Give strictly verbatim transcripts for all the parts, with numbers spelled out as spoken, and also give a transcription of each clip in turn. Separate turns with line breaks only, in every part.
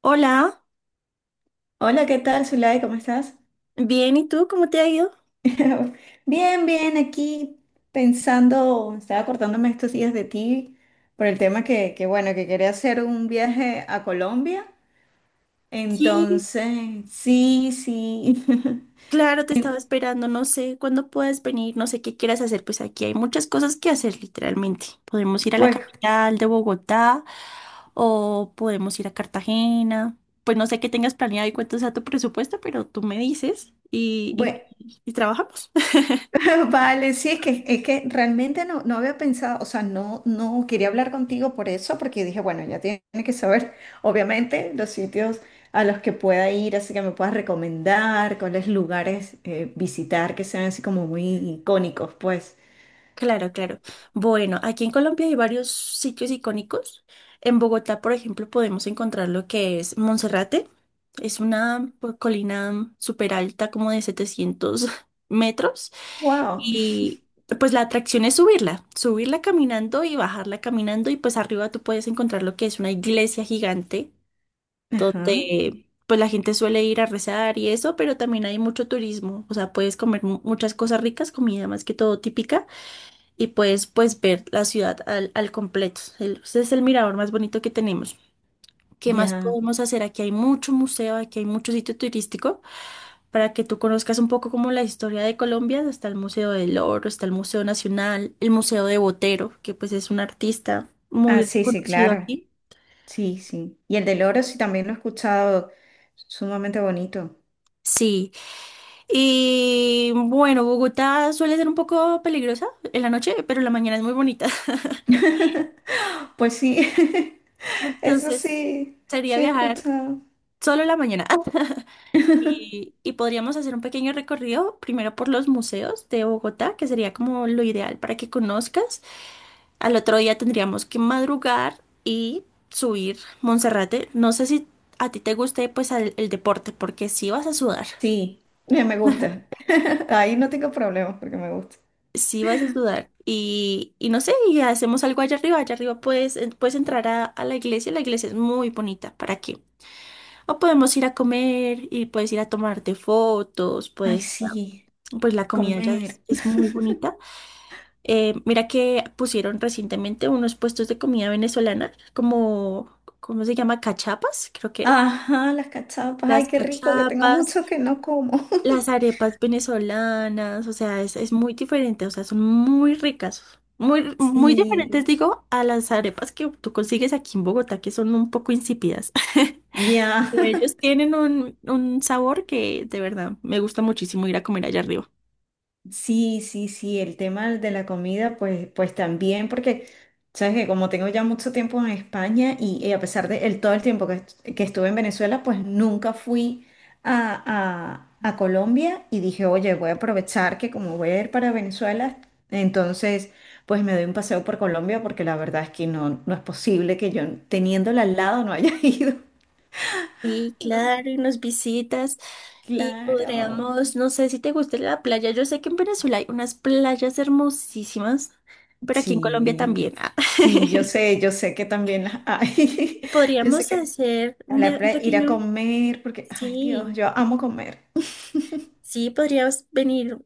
Hola,
Hola, ¿qué tal, Zulay? ¿Cómo estás?
bien, ¿y tú cómo te ha ido?
Bien, bien, aquí pensando, estaba acordándome estos días de ti por el tema que, que, bueno, que quería hacer un viaje a Colombia.
Sí,
Entonces, sí, sí.
claro, te estaba esperando, no sé cuándo puedes venir, no sé qué quieras hacer, pues aquí hay muchas cosas que hacer literalmente. Podemos ir a la
Pues,
capital de Bogotá o podemos ir a Cartagena, pues no sé qué tengas planeado y cuánto sea tu presupuesto, pero tú me dices y,
bueno.
y, y trabajamos.
Vale, sí, es que, es que realmente no, no había pensado, o sea, no, no quería hablar contigo por eso, porque dije, bueno, ya tiene que saber, obviamente, los sitios a los que pueda ir, así que me puedas recomendar cuáles lugares eh, visitar que sean así como muy icónicos, pues.
Claro, claro. Bueno, aquí en Colombia hay varios sitios icónicos. En Bogotá, por ejemplo, podemos encontrar lo que es Monserrate. Es una pues, colina súper alta, como de setecientos metros.
Wow.
Y pues la atracción es subirla, subirla caminando y bajarla caminando. Y pues arriba tú puedes encontrar lo que es una iglesia gigante,
Ajá,
donde pues la gente suele ir a rezar y eso, pero también hay mucho turismo. O sea, puedes comer mu- muchas cosas ricas, comida más que todo típica y puedes pues ver la ciudad al, al completo. El- Ese es el mirador más bonito que tenemos. ¿Qué más
ya.
podemos hacer? Aquí hay mucho museo, aquí hay mucho sitio turístico para que tú conozcas un poco como la historia de Colombia. Está el Museo del Oro, está el Museo Nacional, el Museo de Botero, que pues es un artista
Ah,
muy
sí, sí,
reconocido
claro.
aquí.
Sí, sí. Y el del oro sí también lo he escuchado, sumamente bonito.
Sí, y bueno, Bogotá suele ser un poco peligrosa en la noche, pero en la mañana es muy bonita.
Pues sí, eso
Entonces,
sí,
sería
sí he
viajar
escuchado.
solo en la mañana. Y, y podríamos hacer un pequeño recorrido primero por los museos de Bogotá, que sería como lo ideal para que conozcas. Al otro día tendríamos que madrugar y subir Monserrate. No sé si a ti te guste pues al- el, deporte, porque sí vas a sudar,
Sí, me me gusta. Ahí no tengo problemas porque me gusta.
sí vas a sudar. Y, y no sé, y hacemos algo allá arriba. Allá arriba puedes, en- puedes entrar a, a la iglesia, la iglesia es muy bonita, ¿para qué? O podemos ir a comer y puedes ir a tomarte fotos,
Ay,
puedes ir a...
sí,
Pues la comida ya es
comer.
es muy bonita. Eh, mira que pusieron recientemente unos puestos de comida venezolana, como, ¿cómo se llama? Cachapas, creo que era.
Ajá, las cachapas. Ay,
Las
qué rico, que tengo
cachapas,
mucho que no como.
las arepas venezolanas, o sea, es, es muy diferente, o sea, son muy ricas, muy, muy
Sí,
diferentes, digo, a las arepas que tú consigues aquí en Bogotá, que son un poco insípidas.
ya.
Pero ellos tienen un, un sabor que de verdad me gusta muchísimo ir a comer allá arriba.
Sí, sí, sí, el tema de la comida, pues, pues también, porque sabes que como tengo ya mucho tiempo en España y, y a pesar de el, todo el tiempo que, est- que estuve en Venezuela, pues nunca fui a, a, a Colombia y dije, oye, voy a aprovechar que como voy a ir para Venezuela, entonces, pues me doy un paseo por Colombia, porque la verdad es que no, no es posible que yo, teniéndola al lado, no haya ido.
Sí, claro, y nos visitas y
Claro,
podríamos, no sé si te gusta la playa, yo sé que en Venezuela hay unas playas hermosísimas, pero aquí en Colombia
sí,
también. Ah.
sí, yo sé, yo sé que también las hay.
Y
Yo sé
podríamos
que
hacer
a
un,
la
via- un
playa, ir a
pequeño,
comer, porque, ay Dios,
sí,
yo amo comer.
sí, podrías venir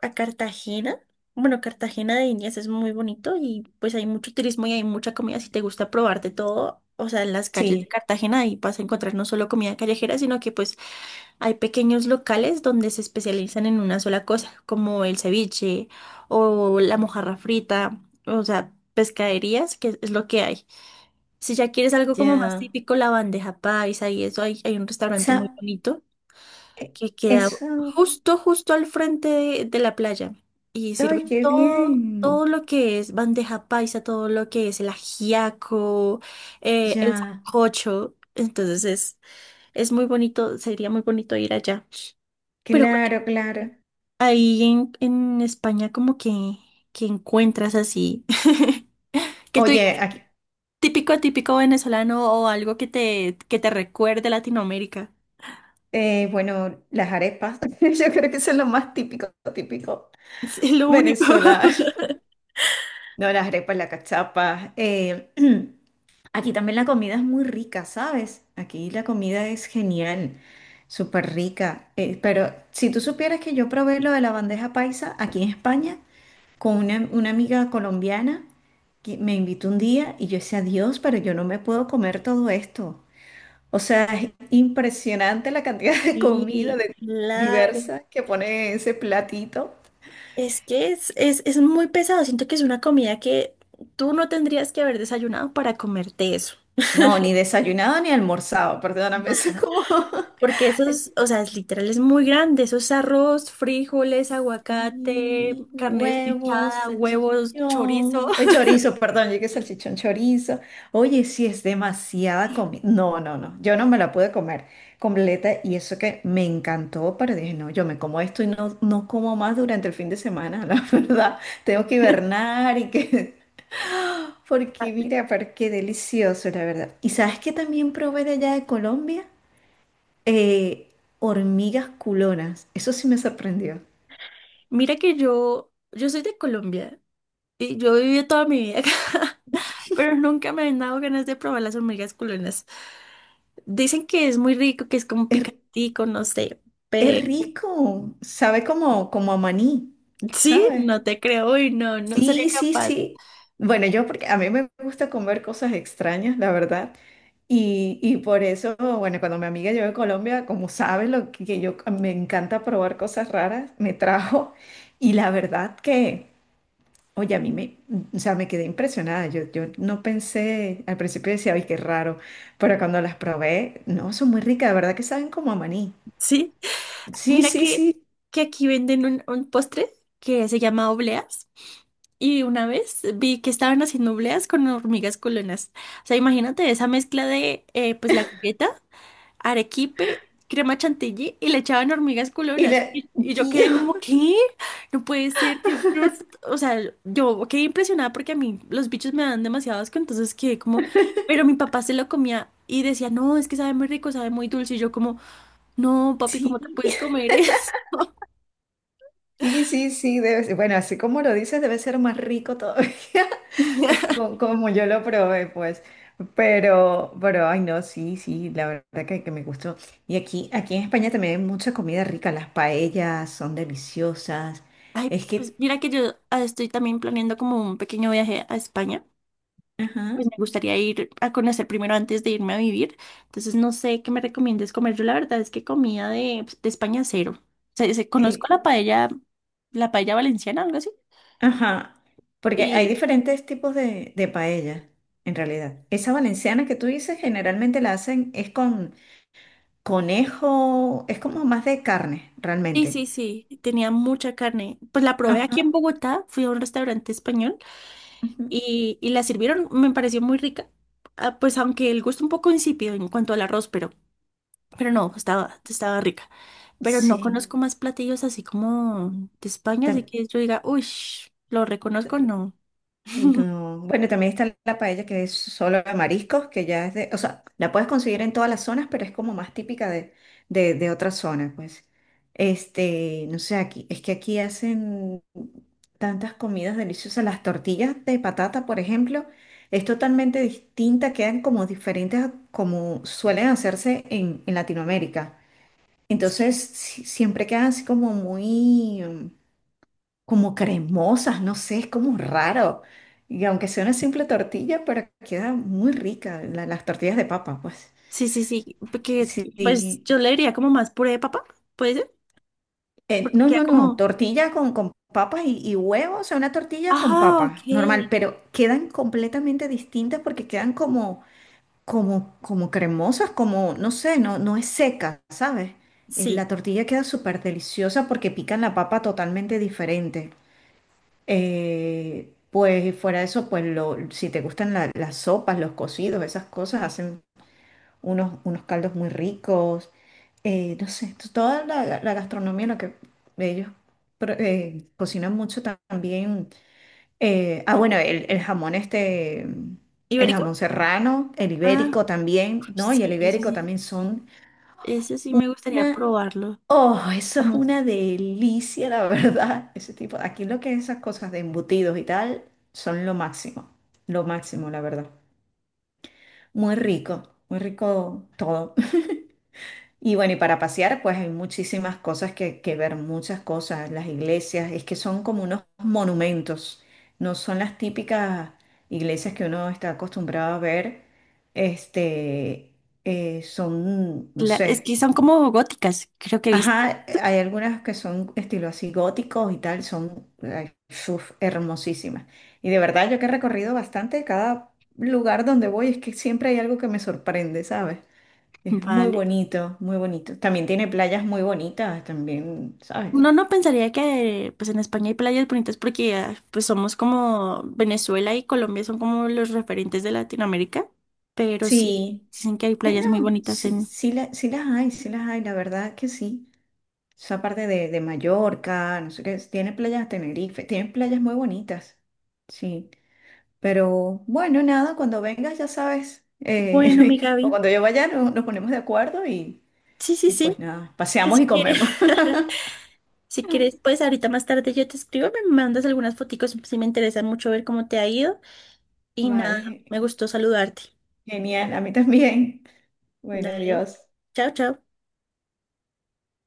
a Cartagena. Bueno, Cartagena de Indias es muy bonito y pues hay mucho turismo y hay mucha comida. Si te gusta probar de todo, o sea, en las calles de
Sí,
Cartagena ahí vas a encontrar no solo comida callejera, sino que pues hay pequeños locales donde se especializan en una sola cosa, como el ceviche o la mojarra frita, o sea, pescaderías, que es lo que hay. Si ya quieres algo como más
ya.
típico, la bandeja paisa y eso, hay, hay un restaurante muy
Sa-
bonito
e-
que queda
Eso,
justo, justo al frente de, de la playa y
ay,
sirven
qué
todo. Todo
bien.
lo que es bandeja paisa, todo lo que es el ajiaco, eh, el
Ya,
sancocho. Entonces es, es muy bonito, sería muy bonito ir allá. Pero cuéntame,
claro, claro.
ahí en, en España como que, que encuentras así, que tú digas
Oye, aquí,
típico, típico venezolano o algo que te, que te recuerde Latinoamérica.
eh, bueno, las arepas, yo creo que son lo más típico, típico
Es lo único.
venezolano. No, las arepas, las cachapas. eh, Aquí también la comida es muy rica, ¿sabes? Aquí la comida es genial, súper rica. Eh, pero si tú supieras que yo probé lo de la bandeja paisa aquí en España con una, una amiga colombiana que me invitó un día y yo decía, Dios, pero yo no me puedo comer todo esto. O sea, es impresionante la cantidad de comida
Sí,
de-
claro.
diversa que pone ese platito.
Es que es, es, es muy pesado. Siento que es una comida que tú no tendrías que haber desayunado para comerte eso.
No, ni desayunado ni almorzado, perdóname, eso es
Ajá.
como…
Porque eso es, o sea, es literal, es muy grande. Eso es arroz, frijoles, aguacate,
Sí,
carne
huevos,
desmechada, huevos, chorizo.
salchichón, eh, chorizo, perdón, llegué salchichón, chorizo. Oye, sí es demasiada comida. No, no, no, yo no me la pude comer completa y eso que me encantó, pero dije, no, yo me como esto y no, no como más durante el fin de semana, la verdad. Tengo que hibernar y que… Porque mira, pero qué delicioso, la verdad. ¿Y sabes qué también probé de allá de Colombia? Eh, hormigas culonas. Eso sí me sorprendió.
Mira que yo, yo soy de Colombia y yo viví toda mi vida acá, pero nunca me han dado ganas de probar las hormigas culonas. Dicen que es muy rico, que es como
Es
picantico, no sé,
Es
pero
rico, sabe como, como a maní,
sí,
¿sabes?
no te creo y no, no sería
Sí, sí,
capaz.
sí. Bueno, yo porque a mí me gusta comer cosas extrañas, la verdad. Y, y por eso, bueno, cuando mi amiga llegó a Colombia, como sabe lo que que yo me encanta probar cosas raras, me trajo. Y la verdad que, oye, a mí me, o sea, me quedé impresionada. Yo, yo no pensé, al principio decía, ay, qué raro. Pero cuando las probé, no, son muy ricas, de verdad que saben como a maní.
Sí,
Sí,
mira
sí,
que,
sí.
que aquí venden un, un postre que se llama obleas y una vez vi que estaban haciendo obleas con hormigas culonas. O sea, imagínate esa mezcla de eh, pues la galleta. Arequipe, crema chantilly y le echaban hormigas
Y
culonas.
le,
Y, y yo quedé
Dios,
como, ¿qué? No puede ser. ¿Qué es esto?". O sea, yo quedé impresionada porque a mí los bichos me dan demasiado asco, entonces quedé como, pero mi papá se lo comía y decía, no, es que sabe muy rico, sabe muy dulce. Y yo como, no, papi, ¿cómo te
sí,
puedes comer eso?
sí, sí, sí, debe ser. Bueno, así como lo dices, debe ser más rico todavía, co- como yo lo probé, pues. Pero, pero, ay, no, sí, sí, la verdad que, que me gustó. Y aquí, aquí en España también hay mucha comida rica, las paellas son deliciosas.
Ay,
Es
pues
que,
mira que yo ah, estoy también planeando como un pequeño viaje a España.
ajá,
Pues me gustaría ir a conocer primero antes de irme a vivir. Entonces no sé qué me recomiendes comer. Yo la verdad es que comida de, pues, de España cero. Se se- conozco
eh,
la paella, la paella valenciana, algo así.
ajá, porque hay
Y
diferentes tipos de, de paella, en realidad. Esa valenciana que tú dices, generalmente la hacen, es con conejo, es como más de carne,
sí,
realmente.
sí, sí, tenía mucha carne. Pues la probé
Ajá.
aquí en Bogotá, fui a un restaurante español
Ujú.
y, y la sirvieron, me pareció muy rica. Ah, pues aunque el gusto un poco insípido en cuanto al arroz, pero Pero no, estaba, estaba rica. Pero no
Sí.
conozco más platillos así como de España, así
tam-
que yo diga, uy, lo
tam-
reconozco, no.
no, bueno, también está la paella que es solo de mariscos, que ya es de, o sea, la puedes conseguir en todas las zonas, pero es como más típica de, de, de otras zonas, pues. Este, no sé, aquí, es que aquí hacen tantas comidas deliciosas. Las tortillas de patata, por ejemplo, es totalmente distinta, quedan como diferentes a como suelen hacerse en, en Latinoamérica. Entonces si- siempre quedan así como muy, mm, como cremosas, no sé, es como raro. Y aunque sea una simple tortilla, pero queda muy rica la- las tortillas de papa, pues.
Sí, sí, sí, porque
Sí,
pues
sí.
yo le diría como más puré de papa, ¿puede ser?
Eh,
Porque
no,
queda
no, no,
como,
tortilla con, con papas y, y huevos, o sea, una tortilla con
ah, ok,
papas, normal, pero quedan completamente distintas porque quedan como, como, como cremosas, como, no sé, no, no es seca, ¿sabes? Eh,
sí,
La tortilla queda súper deliciosa porque pican la papa totalmente diferente. Eh, pues fuera de eso, pues lo, si te gustan la- las sopas, los cocidos, esas cosas, hacen unos, unos caldos muy ricos. Eh, no sé, t- toda la, la gastronomía, lo que ellos pro- eh, cocinan mucho también. eh, ah, bueno, el, el jamón este, el
ibérico,
jamón serrano, el
ah,
ibérico también, ¿no? Y el
sí, eso
ibérico
sí,
también son…
eso sí me gustaría probarlo.
Oh, eso es una
Vamos,
delicia, la verdad. Ese tipo, aquí lo que es esas cosas de embutidos y tal, son lo máximo, lo máximo, la verdad. Muy rico, muy rico todo. Y bueno, y para pasear, pues hay muchísimas cosas que, que ver, muchas cosas. Las iglesias, es que son como unos monumentos, no son las típicas iglesias que uno está acostumbrado a ver. Este, eh, son, no
cla- es
sé.
que son como góticas, creo que viste,
Ajá, hay algunas que son estilo así góticos y tal, son ay, uf, hermosísimas. Y de verdad, yo que he recorrido bastante, cada lugar donde voy es que siempre hay algo que me sorprende, ¿sabes? Es muy
vale.
bonito, muy bonito. También tiene playas muy bonitas, también, ¿sabes?
Uno no pensaría que pues en España hay playas bonitas porque ah, pues somos como Venezuela y Colombia son como los referentes de Latinoamérica, pero sí
Sí,
dicen que hay
no,
playas muy
no,
bonitas
sí,
en...
sí, la- sí las hay, sí las hay, la verdad que sí. Esa parte de, de Mallorca, no sé qué, tiene playas de Tenerife, tiene playas muy bonitas, sí. Pero bueno, nada, cuando vengas ya sabes,
Bueno,
eh,
mi
o
Gaby.
cuando yo vaya no- nos ponemos de acuerdo y,
Sí, sí,
y
sí.
pues nada,
Que
paseamos
si
y
quieres,
comemos.
si quieres, pues ahorita más tarde yo te escribo, me mandas algunas foticos si me interesan mucho ver cómo te ha ido y nada,
Vale,
me gustó saludarte.
genial, a mí también. Bueno,
Dale.
adiós.
Chao, chao.